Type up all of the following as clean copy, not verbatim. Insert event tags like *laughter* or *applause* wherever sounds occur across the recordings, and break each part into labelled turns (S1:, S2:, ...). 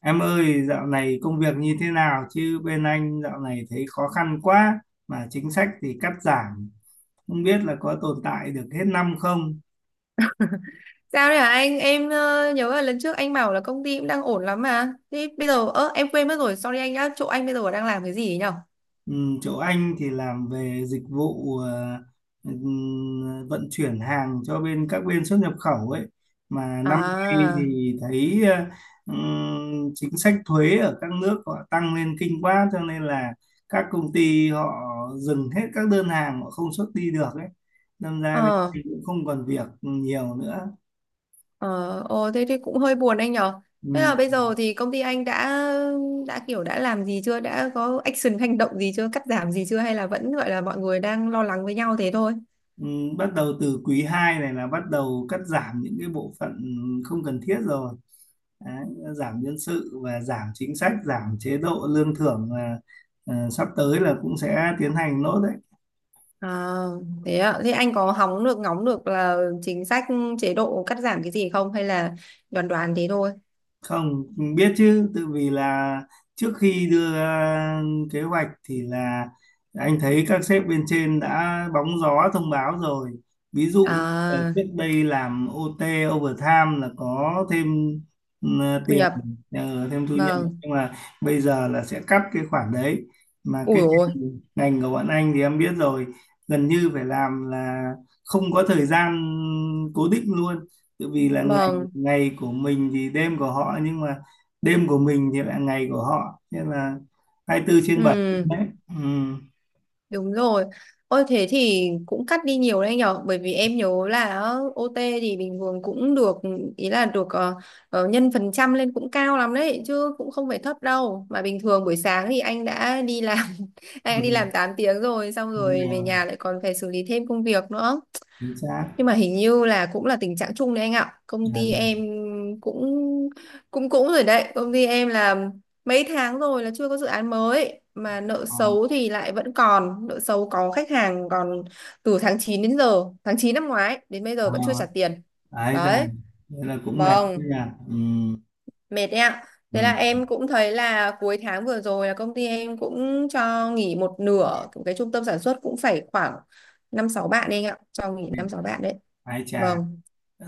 S1: Em ơi, dạo này công việc như thế nào chứ bên anh dạo này thấy khó khăn quá mà chính sách thì cắt giảm, không biết là có tồn tại được hết năm không?
S2: Sao đấy hả anh? Em nhớ là lần trước anh bảo là công ty cũng đang ổn lắm mà. Thế bây giờ em quên mất rồi, sorry anh nhá. Chỗ anh bây giờ đang làm cái gì ấy nhở?
S1: Ừ, chỗ anh thì làm về dịch vụ vận chuyển hàng cho bên các bên xuất nhập khẩu ấy. Mà năm nay
S2: À,
S1: thì thấy chính sách thuế ở các nước họ tăng lên kinh quá, cho nên là các công ty họ dừng hết các đơn hàng, họ không xuất đi được ấy, đâm ra bên
S2: ờ,
S1: mình cũng không còn việc nhiều nữa.
S2: ờ, ồ, thế thì cũng hơi buồn anh nhở.
S1: Ừ.
S2: Thế là bây giờ thì công ty anh đã làm gì chưa? Đã có action hành động gì chưa? Cắt giảm gì chưa? Hay là vẫn gọi là mọi người đang lo lắng với nhau thế thôi?
S1: Ừ, bắt đầu từ quý 2 này là bắt đầu cắt giảm những cái bộ phận không cần thiết rồi. Đấy, giảm nhân sự và giảm chính sách, giảm chế độ lương thưởng là sắp tới là cũng sẽ tiến hành nốt đấy.
S2: À, thế ạ. Thế anh có hóng được ngóng được là chính sách chế độ cắt giảm cái gì không? Hay là đoán đoán thế thôi?
S1: Không biết chứ tự vì là trước khi đưa ra kế hoạch thì là anh thấy các sếp bên trên đã bóng gió thông báo rồi. Ví dụ như là
S2: À,
S1: trước đây làm OT, overtime là có thêm ừ,
S2: thu
S1: tiền,
S2: nhập.
S1: thêm thu nhập,
S2: Vâng.
S1: nhưng mà bây giờ là sẽ cắt cái khoản đấy. Mà
S2: Ui
S1: cái
S2: ôi,
S1: ngành của bọn anh thì em biết rồi, gần như phải làm là không có thời gian cố định luôn, tự vì là
S2: vâng,
S1: ngày của mình thì đêm của họ, nhưng mà đêm của mình thì lại ngày của họ, nên là 24/7
S2: ừ,
S1: đấy. Ừ.
S2: đúng rồi. Ôi thế thì cũng cắt đi nhiều đấy nhở, bởi vì em nhớ là OT thì bình thường cũng được, ý là được nhân phần trăm lên cũng cao lắm đấy, chứ cũng không phải thấp đâu. Mà bình thường buổi sáng thì anh đã đi làm, *laughs* anh đã
S1: Ừ.
S2: đi làm 8 tiếng rồi, xong
S1: Đúng
S2: rồi về
S1: rồi,
S2: nhà lại còn phải xử lý thêm công việc nữa.
S1: chính xác.
S2: Nhưng mà hình như là cũng là tình trạng chung đấy anh ạ, công
S1: Là
S2: ty
S1: già.
S2: em cũng cũng cũng rồi đấy, công ty em là mấy tháng rồi là chưa có dự án mới mà nợ
S1: Ờ,
S2: xấu thì lại vẫn còn nợ xấu, có khách hàng còn từ tháng 9 đến giờ, tháng 9 năm ngoái đến bây giờ vẫn chưa trả
S1: ờ,
S2: tiền
S1: ái già,
S2: đấy.
S1: nên là cũng mệt chứ
S2: Vâng,
S1: nhỉ. Ừ.
S2: mệt đấy ạ. Thế
S1: Ừ.
S2: là em cũng thấy là cuối tháng vừa rồi là công ty em cũng cho nghỉ một nửa cái trung tâm sản xuất, cũng phải khoảng năm sáu bạn đấy anh ạ, cho nghỉ năm sáu bạn đấy.
S1: Ái chà,
S2: Vâng,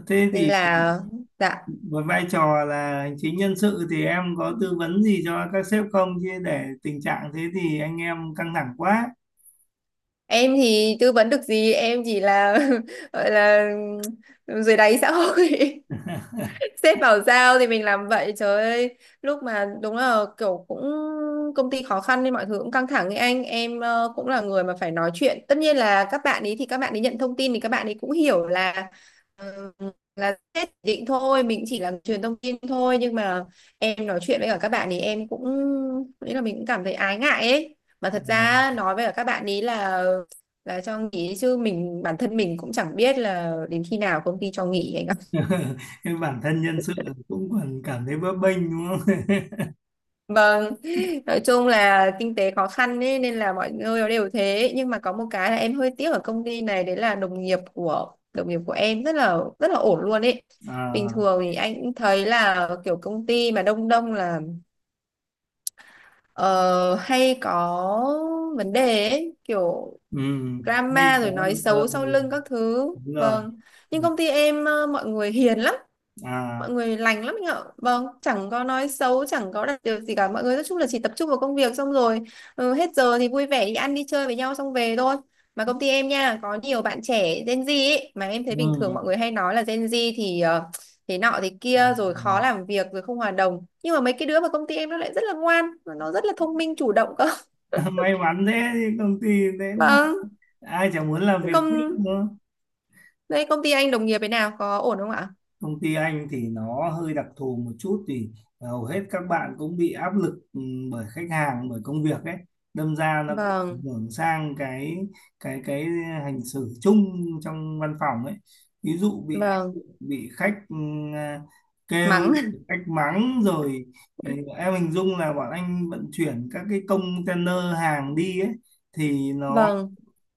S1: thế
S2: nên
S1: thì
S2: là dạ,
S1: với vai trò là hành chính nhân sự thì em có tư vấn gì cho các sếp không, chứ để tình trạng thế thì anh em căng thẳng quá.
S2: em thì tư vấn được gì, em chỉ là *laughs* gọi là dưới đáy xã hội, sếp bảo giao thì mình làm vậy. Trời ơi, lúc mà đúng là kiểu cũng công ty khó khăn nên mọi thứ cũng căng thẳng ấy, anh em cũng là người mà phải nói chuyện. Tất nhiên là các bạn ấy thì các bạn ấy nhận thông tin thì các bạn ấy cũng hiểu là ờ, là sếp chỉ định thôi, mình chỉ là truyền thông tin thôi, nhưng mà em nói chuyện với cả các bạn ấy em cũng nghĩ là mình cũng cảm thấy ái ngại ấy, mà
S1: Ờ.
S2: thật ra nói với cả các bạn ấy là cho nghỉ, chứ mình bản thân mình cũng chẳng biết là đến khi nào công ty cho nghỉ anh ạ.
S1: *laughs* Cái bản thân nhân sự cũng còn cảm thấy bấp bênh đúng không? *laughs*
S2: Vâng, nói chung là kinh tế khó khăn ấy, nên là mọi người nó đều thế, nhưng mà có một cái là em hơi tiếc ở công ty này, đấy là đồng nghiệp của em rất là ổn luôn ấy. Bình
S1: à
S2: thường thì anh cũng thấy là kiểu công ty mà đông đông là ờ, hay có vấn đề ấy, kiểu
S1: ừ Ngay
S2: drama
S1: có,
S2: rồi nói
S1: ờ,
S2: xấu sau lưng các thứ.
S1: đúng rồi.
S2: Vâng,
S1: Ừ,
S2: nhưng công ty em mọi người hiền lắm,
S1: à
S2: mọi người lành lắm anh ạ. Vâng, chẳng có nói xấu, chẳng có đặt điều gì cả, mọi người nói chung là chỉ tập trung vào công việc, xong rồi hết giờ thì vui vẻ đi ăn đi chơi với nhau xong về thôi. Mà công ty em nha có nhiều bạn trẻ Gen Z ấy, mà em thấy bình thường
S1: ừ.
S2: mọi người hay nói là Gen Z thì thế nọ thế
S1: Dạ,
S2: kia rồi
S1: dạ.
S2: khó làm việc rồi không hòa đồng, nhưng mà mấy cái đứa mà công ty em nó lại rất là ngoan, nó rất là thông minh chủ động cơ.
S1: *laughs* May mắn thế thì công ty thế
S2: *laughs* Vâng.
S1: ai chẳng muốn làm việc tiếp
S2: công
S1: nữa.
S2: Đây công ty anh đồng nghiệp thế nào, có ổn không ạ?
S1: Công ty anh thì nó hơi đặc thù một chút thì hầu hết các bạn cũng bị áp lực, bởi khách hàng, bởi công việc ấy, đâm ra nó cũng ảnh
S2: Vâng,
S1: hưởng sang cái cái cái hành xử chung trong văn phòng ấy. Ví dụ bị áp lực,
S2: vâng,
S1: bị khách à, kêu,
S2: mắng.
S1: khách mắng rồi ừ,
S2: *laughs*
S1: em hình dung là bọn anh vận chuyển các cái container hàng đi ấy thì nó,
S2: Vâng.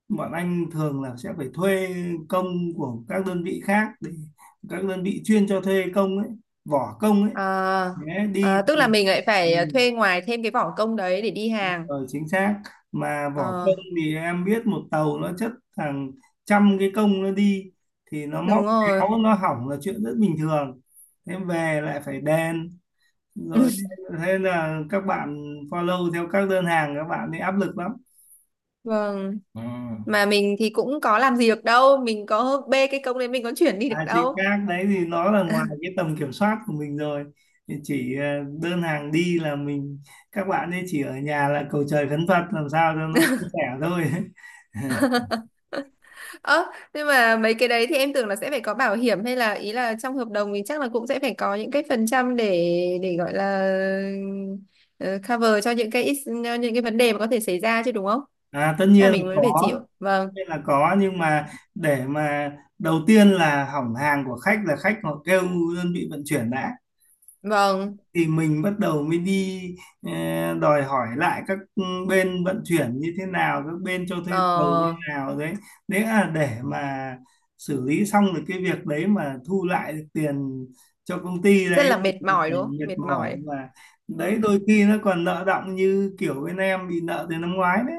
S1: bọn anh thường là sẽ phải thuê công của các đơn vị khác, để các đơn vị chuyên cho thuê công ấy, vỏ công ấy
S2: Ờ,
S1: nhé, đi
S2: ờ, tức
S1: thì
S2: là mình lại
S1: ừ,
S2: phải thuê ngoài thêm cái vỏ công đấy để đi hàng.
S1: ờ, chính xác. Mà vỏ
S2: Ờ,
S1: công thì em biết, một tàu nó chất hàng trăm cái công nó đi, thì nó
S2: đúng
S1: móc
S2: rồi.
S1: méo nó hỏng là chuyện rất bình thường. Thế về lại phải đèn rồi,
S2: *laughs*
S1: thế là các bạn follow theo các đơn hàng, các bạn ấy áp lực lắm.
S2: Vâng,
S1: Ừ.
S2: mà mình thì cũng có làm gì được đâu, mình có bê cái công đấy mình có chuyển đi được
S1: À, chị
S2: đâu.
S1: các đấy thì nó là ngoài
S2: *laughs*
S1: cái tầm kiểm soát của mình rồi, thì chỉ đơn hàng đi là mình, các bạn ấy chỉ ở nhà là cầu trời khấn Phật làm sao cho nó suôn sẻ thôi.
S2: Ơ, nhưng mà mấy cái đấy thì em tưởng là sẽ phải có bảo hiểm, hay là ý là trong hợp đồng thì chắc là cũng sẽ phải có những cái phần trăm để gọi là ờ, cover cho những cái những cái vấn đề mà có thể xảy ra chứ, đúng không?
S1: *laughs* À, tất
S2: Là
S1: nhiên là
S2: mình vẫn phải
S1: có,
S2: chịu.
S1: tất
S2: Vâng,
S1: nhiên là có, nhưng mà để mà đầu tiên là hỏng hàng của khách, là khách họ kêu đơn vị vận chuyển đã,
S2: vâng.
S1: thì mình bắt đầu mới đi ờ, đòi hỏi lại các bên vận chuyển như thế nào, các bên cho thuê tàu như thế
S2: Ờ,
S1: nào đấy. Đấy là để mà xử lý xong được cái việc đấy mà thu lại được tiền cho công ty
S2: rất
S1: đấy,
S2: là
S1: thì
S2: mệt mỏi
S1: phải
S2: đúng không,
S1: mệt
S2: mệt
S1: mỏi
S2: mỏi.
S1: mà. Đấy, đôi khi nó còn nợ đọng, như kiểu bên em bị nợ từ năm ngoái đấy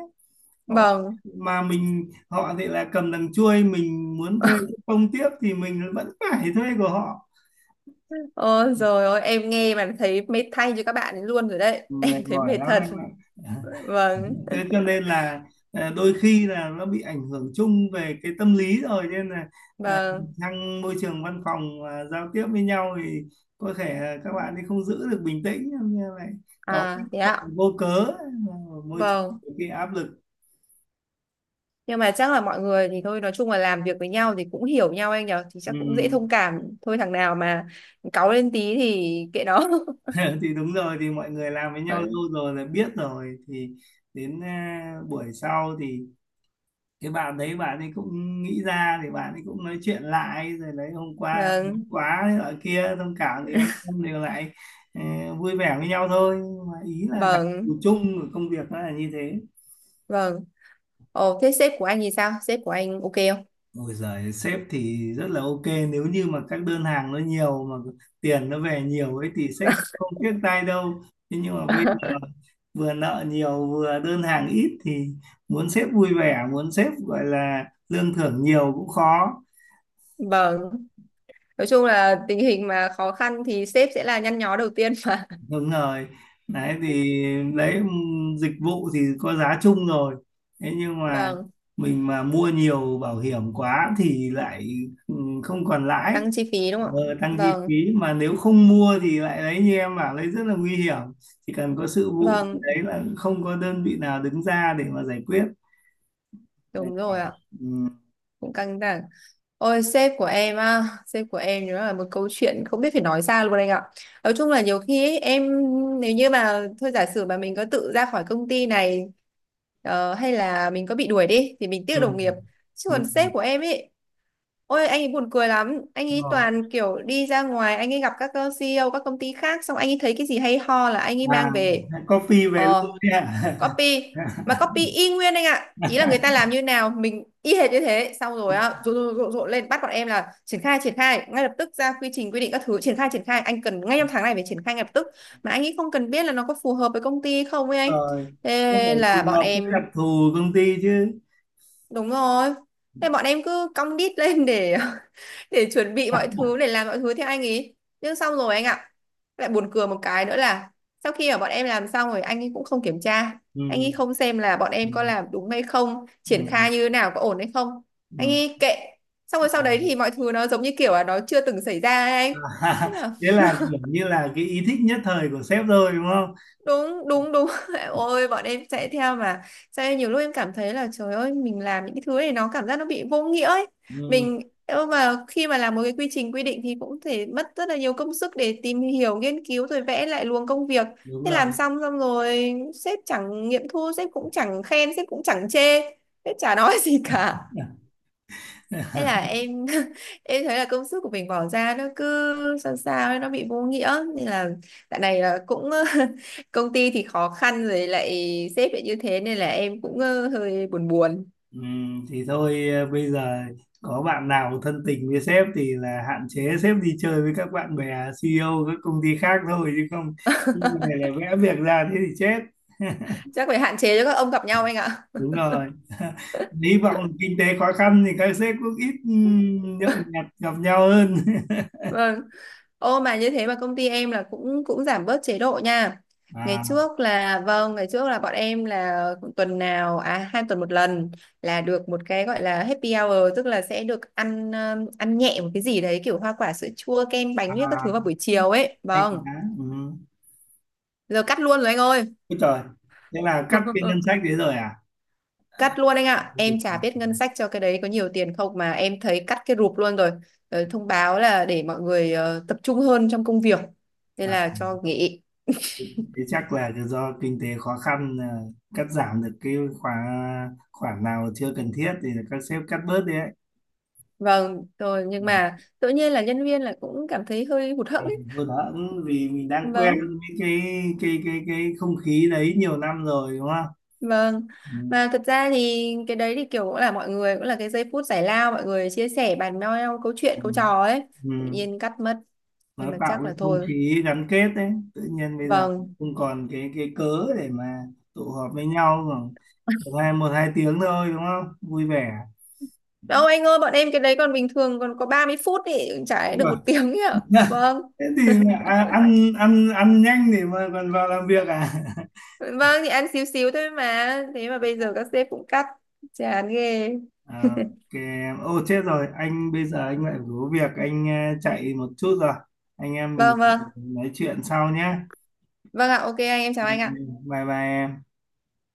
S1: họ,
S2: Vâng,
S1: mà mình, họ thì là cầm đằng chuôi, mình muốn thuê công tiếp thì mình vẫn phải thuê của họ.
S2: ôi rồi, ôi em nghe mà thấy mệt thay cho các bạn ấy luôn rồi đấy. *laughs* Em
S1: Mệt
S2: thấy
S1: mỏi
S2: mệt
S1: lắm
S2: thật.
S1: anh ạ.
S2: Vâng,
S1: *laughs* Thế cho nên là đôi khi là nó bị ảnh hưởng chung về cái tâm lý rồi, nên là ờ,
S2: vâng.
S1: trong môi trường văn phòng mà giao tiếp với nhau thì có thể là các bạn thì không giữ được bình tĩnh như vậy, cáu
S2: À, thế
S1: gắt
S2: ạ.
S1: vô cớ. Ở môi
S2: Vâng,
S1: trường cái áp lực
S2: nhưng mà chắc là mọi người thì thôi, nói chung là làm việc với nhau thì cũng hiểu nhau anh nhở, thì
S1: ừ.
S2: chắc cũng dễ thông cảm thôi, thằng nào mà cáu lên tí thì kệ nó.
S1: *laughs* Thì đúng rồi, thì mọi người làm với
S2: *laughs*
S1: nhau
S2: Vâng,
S1: lâu rồi là biết rồi, thì đến buổi sau thì cái bạn đấy, bạn ấy cũng nghĩ ra thì bạn ấy cũng nói chuyện lại rồi đấy, hôm qua em nóng
S2: vâng,
S1: quá thế ở kia thông cảm, thì anh em đều lại ờ, vui vẻ với nhau thôi. Nhưng mà ý là đặc
S2: vâng,
S1: thù chung của công việc nó là như thế.
S2: vâng. Ồ, thế sếp của anh thì sao, sếp của anh ok không?
S1: Ôi giời, sếp thì rất là ok, nếu như mà các đơn hàng nó nhiều mà tiền nó về nhiều ấy thì sếp không tiếc tay đâu. Thế nhưng mà bây
S2: *laughs*
S1: giờ vừa nợ nhiều vừa đơn hàng ít thì muốn sếp vui vẻ, muốn sếp gọi là lương thưởng nhiều cũng khó.
S2: Vâng. Nói chung là tình hình mà khó khăn thì sếp sẽ là nhăn nhó đầu tiên mà.
S1: Đúng rồi, đấy thì đấy, dịch vụ thì có giá chung rồi, thế nhưng
S2: *laughs*
S1: mà
S2: Vâng,
S1: mình mà mua nhiều bảo hiểm quá thì lại không còn lãi.
S2: tăng chi phí đúng không ạ?
S1: ờ, Tăng chi phí,
S2: Vâng,
S1: mà nếu không mua thì lại đấy như em bảo đấy, rất là nguy hiểm, chỉ cần có sự vụ thì
S2: vâng,
S1: đấy là không có đơn vị nào đứng ra để mà giải quyết. Mệt
S2: đúng rồi
S1: mỏi.
S2: ạ.
S1: Ừm,
S2: Cũng căng thẳng. Ôi sếp của em á, sếp của em nữa là một câu chuyện không biết phải nói ra luôn anh ạ. Nói chung là nhiều khi ấy, em nếu như mà thôi giả sử mà mình có tự ra khỏi công ty này, hay là mình có bị đuổi đi thì mình tiếc đồng nghiệp.
S1: ừm,
S2: Chứ còn sếp
S1: ừm.
S2: của em ấy, ôi anh ấy buồn cười lắm. Anh ấy
S1: Ờ,
S2: toàn kiểu đi ra ngoài, anh ấy gặp các CEO các công ty khác, xong anh ấy thấy cái gì hay ho là anh ấy mang về.
S1: à Coffee về luôn
S2: Ờ,
S1: đấy ạ.
S2: copy. Mà copy y nguyên anh ạ. Ý là người ta làm như nào mình y hệt như thế. Xong rồi á, rộn rộn rộn rộn lên bắt bọn em là triển khai triển khai ngay lập tức, ra quy trình quy định các thứ, triển khai triển khai anh cần ngay trong
S1: *laughs*
S2: tháng này phải triển khai ngay lập tức. Mà anh ấy không cần biết là nó có phù hợp với công ty không ấy anh.
S1: Rồi, đúng
S2: Thế
S1: rồi, phù
S2: là bọn
S1: hợp với đặc
S2: em
S1: thù công ty chứ.
S2: đúng rồi. Thế bọn em cứ cong đít lên để *laughs* để chuẩn bị mọi
S1: *laughs*
S2: thứ để làm mọi thứ theo anh ý. Nhưng xong rồi anh ạ. Lại buồn cười một cái nữa là sau khi mà bọn em làm xong rồi anh ấy cũng không kiểm tra. Anh ấy
S1: Ừ,
S2: không xem là bọn em có
S1: ừ,
S2: làm đúng hay không, triển
S1: ừ,
S2: khai như thế nào có ổn hay không. Anh
S1: ừ.
S2: ấy kệ. Xong rồi sau đấy thì mọi thứ nó giống như kiểu là nó chưa từng xảy ra ấy
S1: À.
S2: anh. Thế
S1: *laughs*
S2: là
S1: Thế là kiểu như là cái ý thích nhất thời của sếp rồi đúng không?
S2: đúng đúng đúng. *laughs* Ôi bọn em chạy theo mà, sao nhiều lúc em cảm thấy là trời ơi mình làm những cái thứ này nó cảm giác nó bị vô nghĩa ấy.
S1: ừ,
S2: Mình, nhưng mà khi mà làm một cái quy trình quy định thì cũng thể mất rất là nhiều công sức để tìm hiểu nghiên cứu rồi vẽ lại luồng công việc.
S1: Đúng
S2: Thế làm
S1: rồi.
S2: xong xong rồi sếp chẳng nghiệm thu, sếp cũng chẳng khen, sếp cũng chẳng chê, sếp chả nói *laughs* gì cả.
S1: *laughs*
S2: Thế là em *laughs* em thấy là công sức của mình bỏ ra nó cứ sao sao ấy, nó bị vô nghĩa, nên là dạo này là cũng *laughs* công ty thì khó khăn rồi lại sếp lại như thế, nên là em cũng hơi buồn buồn.
S1: ừ, thì thôi, bây giờ có bạn nào thân tình với sếp thì là hạn chế sếp đi chơi với các bạn bè CEO các công ty khác thôi, chứ không, nhưng này là vẽ việc ra thế thì chết.
S2: Chắc phải hạn chế cho các ông gặp nhau anh ạ.
S1: Đúng rồi. *laughs* Hy vọng
S2: *laughs*
S1: kinh tế khó khăn thì các sếp cũng ít nhậu nhẹt gặp nhau hơn.
S2: Vâng. Ô mà như thế mà công ty em là cũng cũng giảm bớt chế độ nha.
S1: *laughs*
S2: Ngày
S1: à,
S2: trước là vâng, ngày trước là bọn em là tuần nào, à, 2 tuần một lần là được một cái gọi là happy hour, tức là sẽ được ăn ăn nhẹ một cái gì đấy kiểu hoa quả sữa chua kem bánh với các thứ vào
S1: À
S2: buổi chiều ấy.
S1: hay
S2: Vâng.
S1: quá. Ừ.
S2: Giờ cắt luôn rồi anh ơi.
S1: Úi trời, thế là cắt cái ngân
S2: *laughs*
S1: sách đấy rồi à?
S2: Cắt luôn anh ạ. Em chả biết ngân sách cho cái đấy có nhiều tiền không mà em thấy cắt cái rụp luôn rồi. Thông báo là để mọi người tập trung hơn trong công việc. Nên
S1: À,
S2: là cho nghỉ.
S1: thế chắc là do kinh tế khó khăn, cắt giảm được cái khoản, nào chưa cần thiết thì các sếp cắt bớt đi ấy.
S2: Vâng rồi,
S1: Ừ.
S2: nhưng mà tự nhiên là nhân viên là cũng cảm thấy hơi hụt hẫng
S1: À,
S2: ấy.
S1: thôi đó, ừ, vì mình đang quen
S2: Vâng,
S1: với cái không khí đấy nhiều năm rồi đúng không?
S2: vâng.
S1: Ừ.
S2: Mà thật ra thì cái đấy thì kiểu cũng là mọi người cũng là cái giây phút giải lao mọi người chia sẻ bàn nhau nhau câu chuyện
S1: Ừ.
S2: câu trò ấy.
S1: Ừ.
S2: Tự nhiên cắt mất.
S1: Nó
S2: Nhưng mà
S1: tạo
S2: chắc
S1: cái
S2: là
S1: không
S2: thôi.
S1: khí gắn kết đấy, tự nhiên bây giờ
S2: Vâng.
S1: không còn cái cớ để mà tụ họp với nhau khoảng một hai tiếng thôi đúng không, vui vẻ.
S2: Đâu anh ơi, bọn em cái đấy còn bình thường còn có 30 phút thì chả lẽ
S1: Thế
S2: được một *laughs*
S1: còn-
S2: tiếng ấy ạ.
S1: *laughs*
S2: Vâng.
S1: thế thì ăn ăn ăn nhanh để mà còn vào làm việc.
S2: Vâng thì ăn xíu xíu thôi mà. Thế mà bây giờ các sếp cũng cắt. Chán ghê.
S1: *laughs* À ok em, ô chết rồi, anh bây giờ anh lại phải có việc, anh chạy một chút rồi. Anh em mình
S2: Vâng, vâng.
S1: nói chuyện sau nhé.
S2: Vâng ạ, ok anh, em chào anh ạ.
S1: Bye bye em.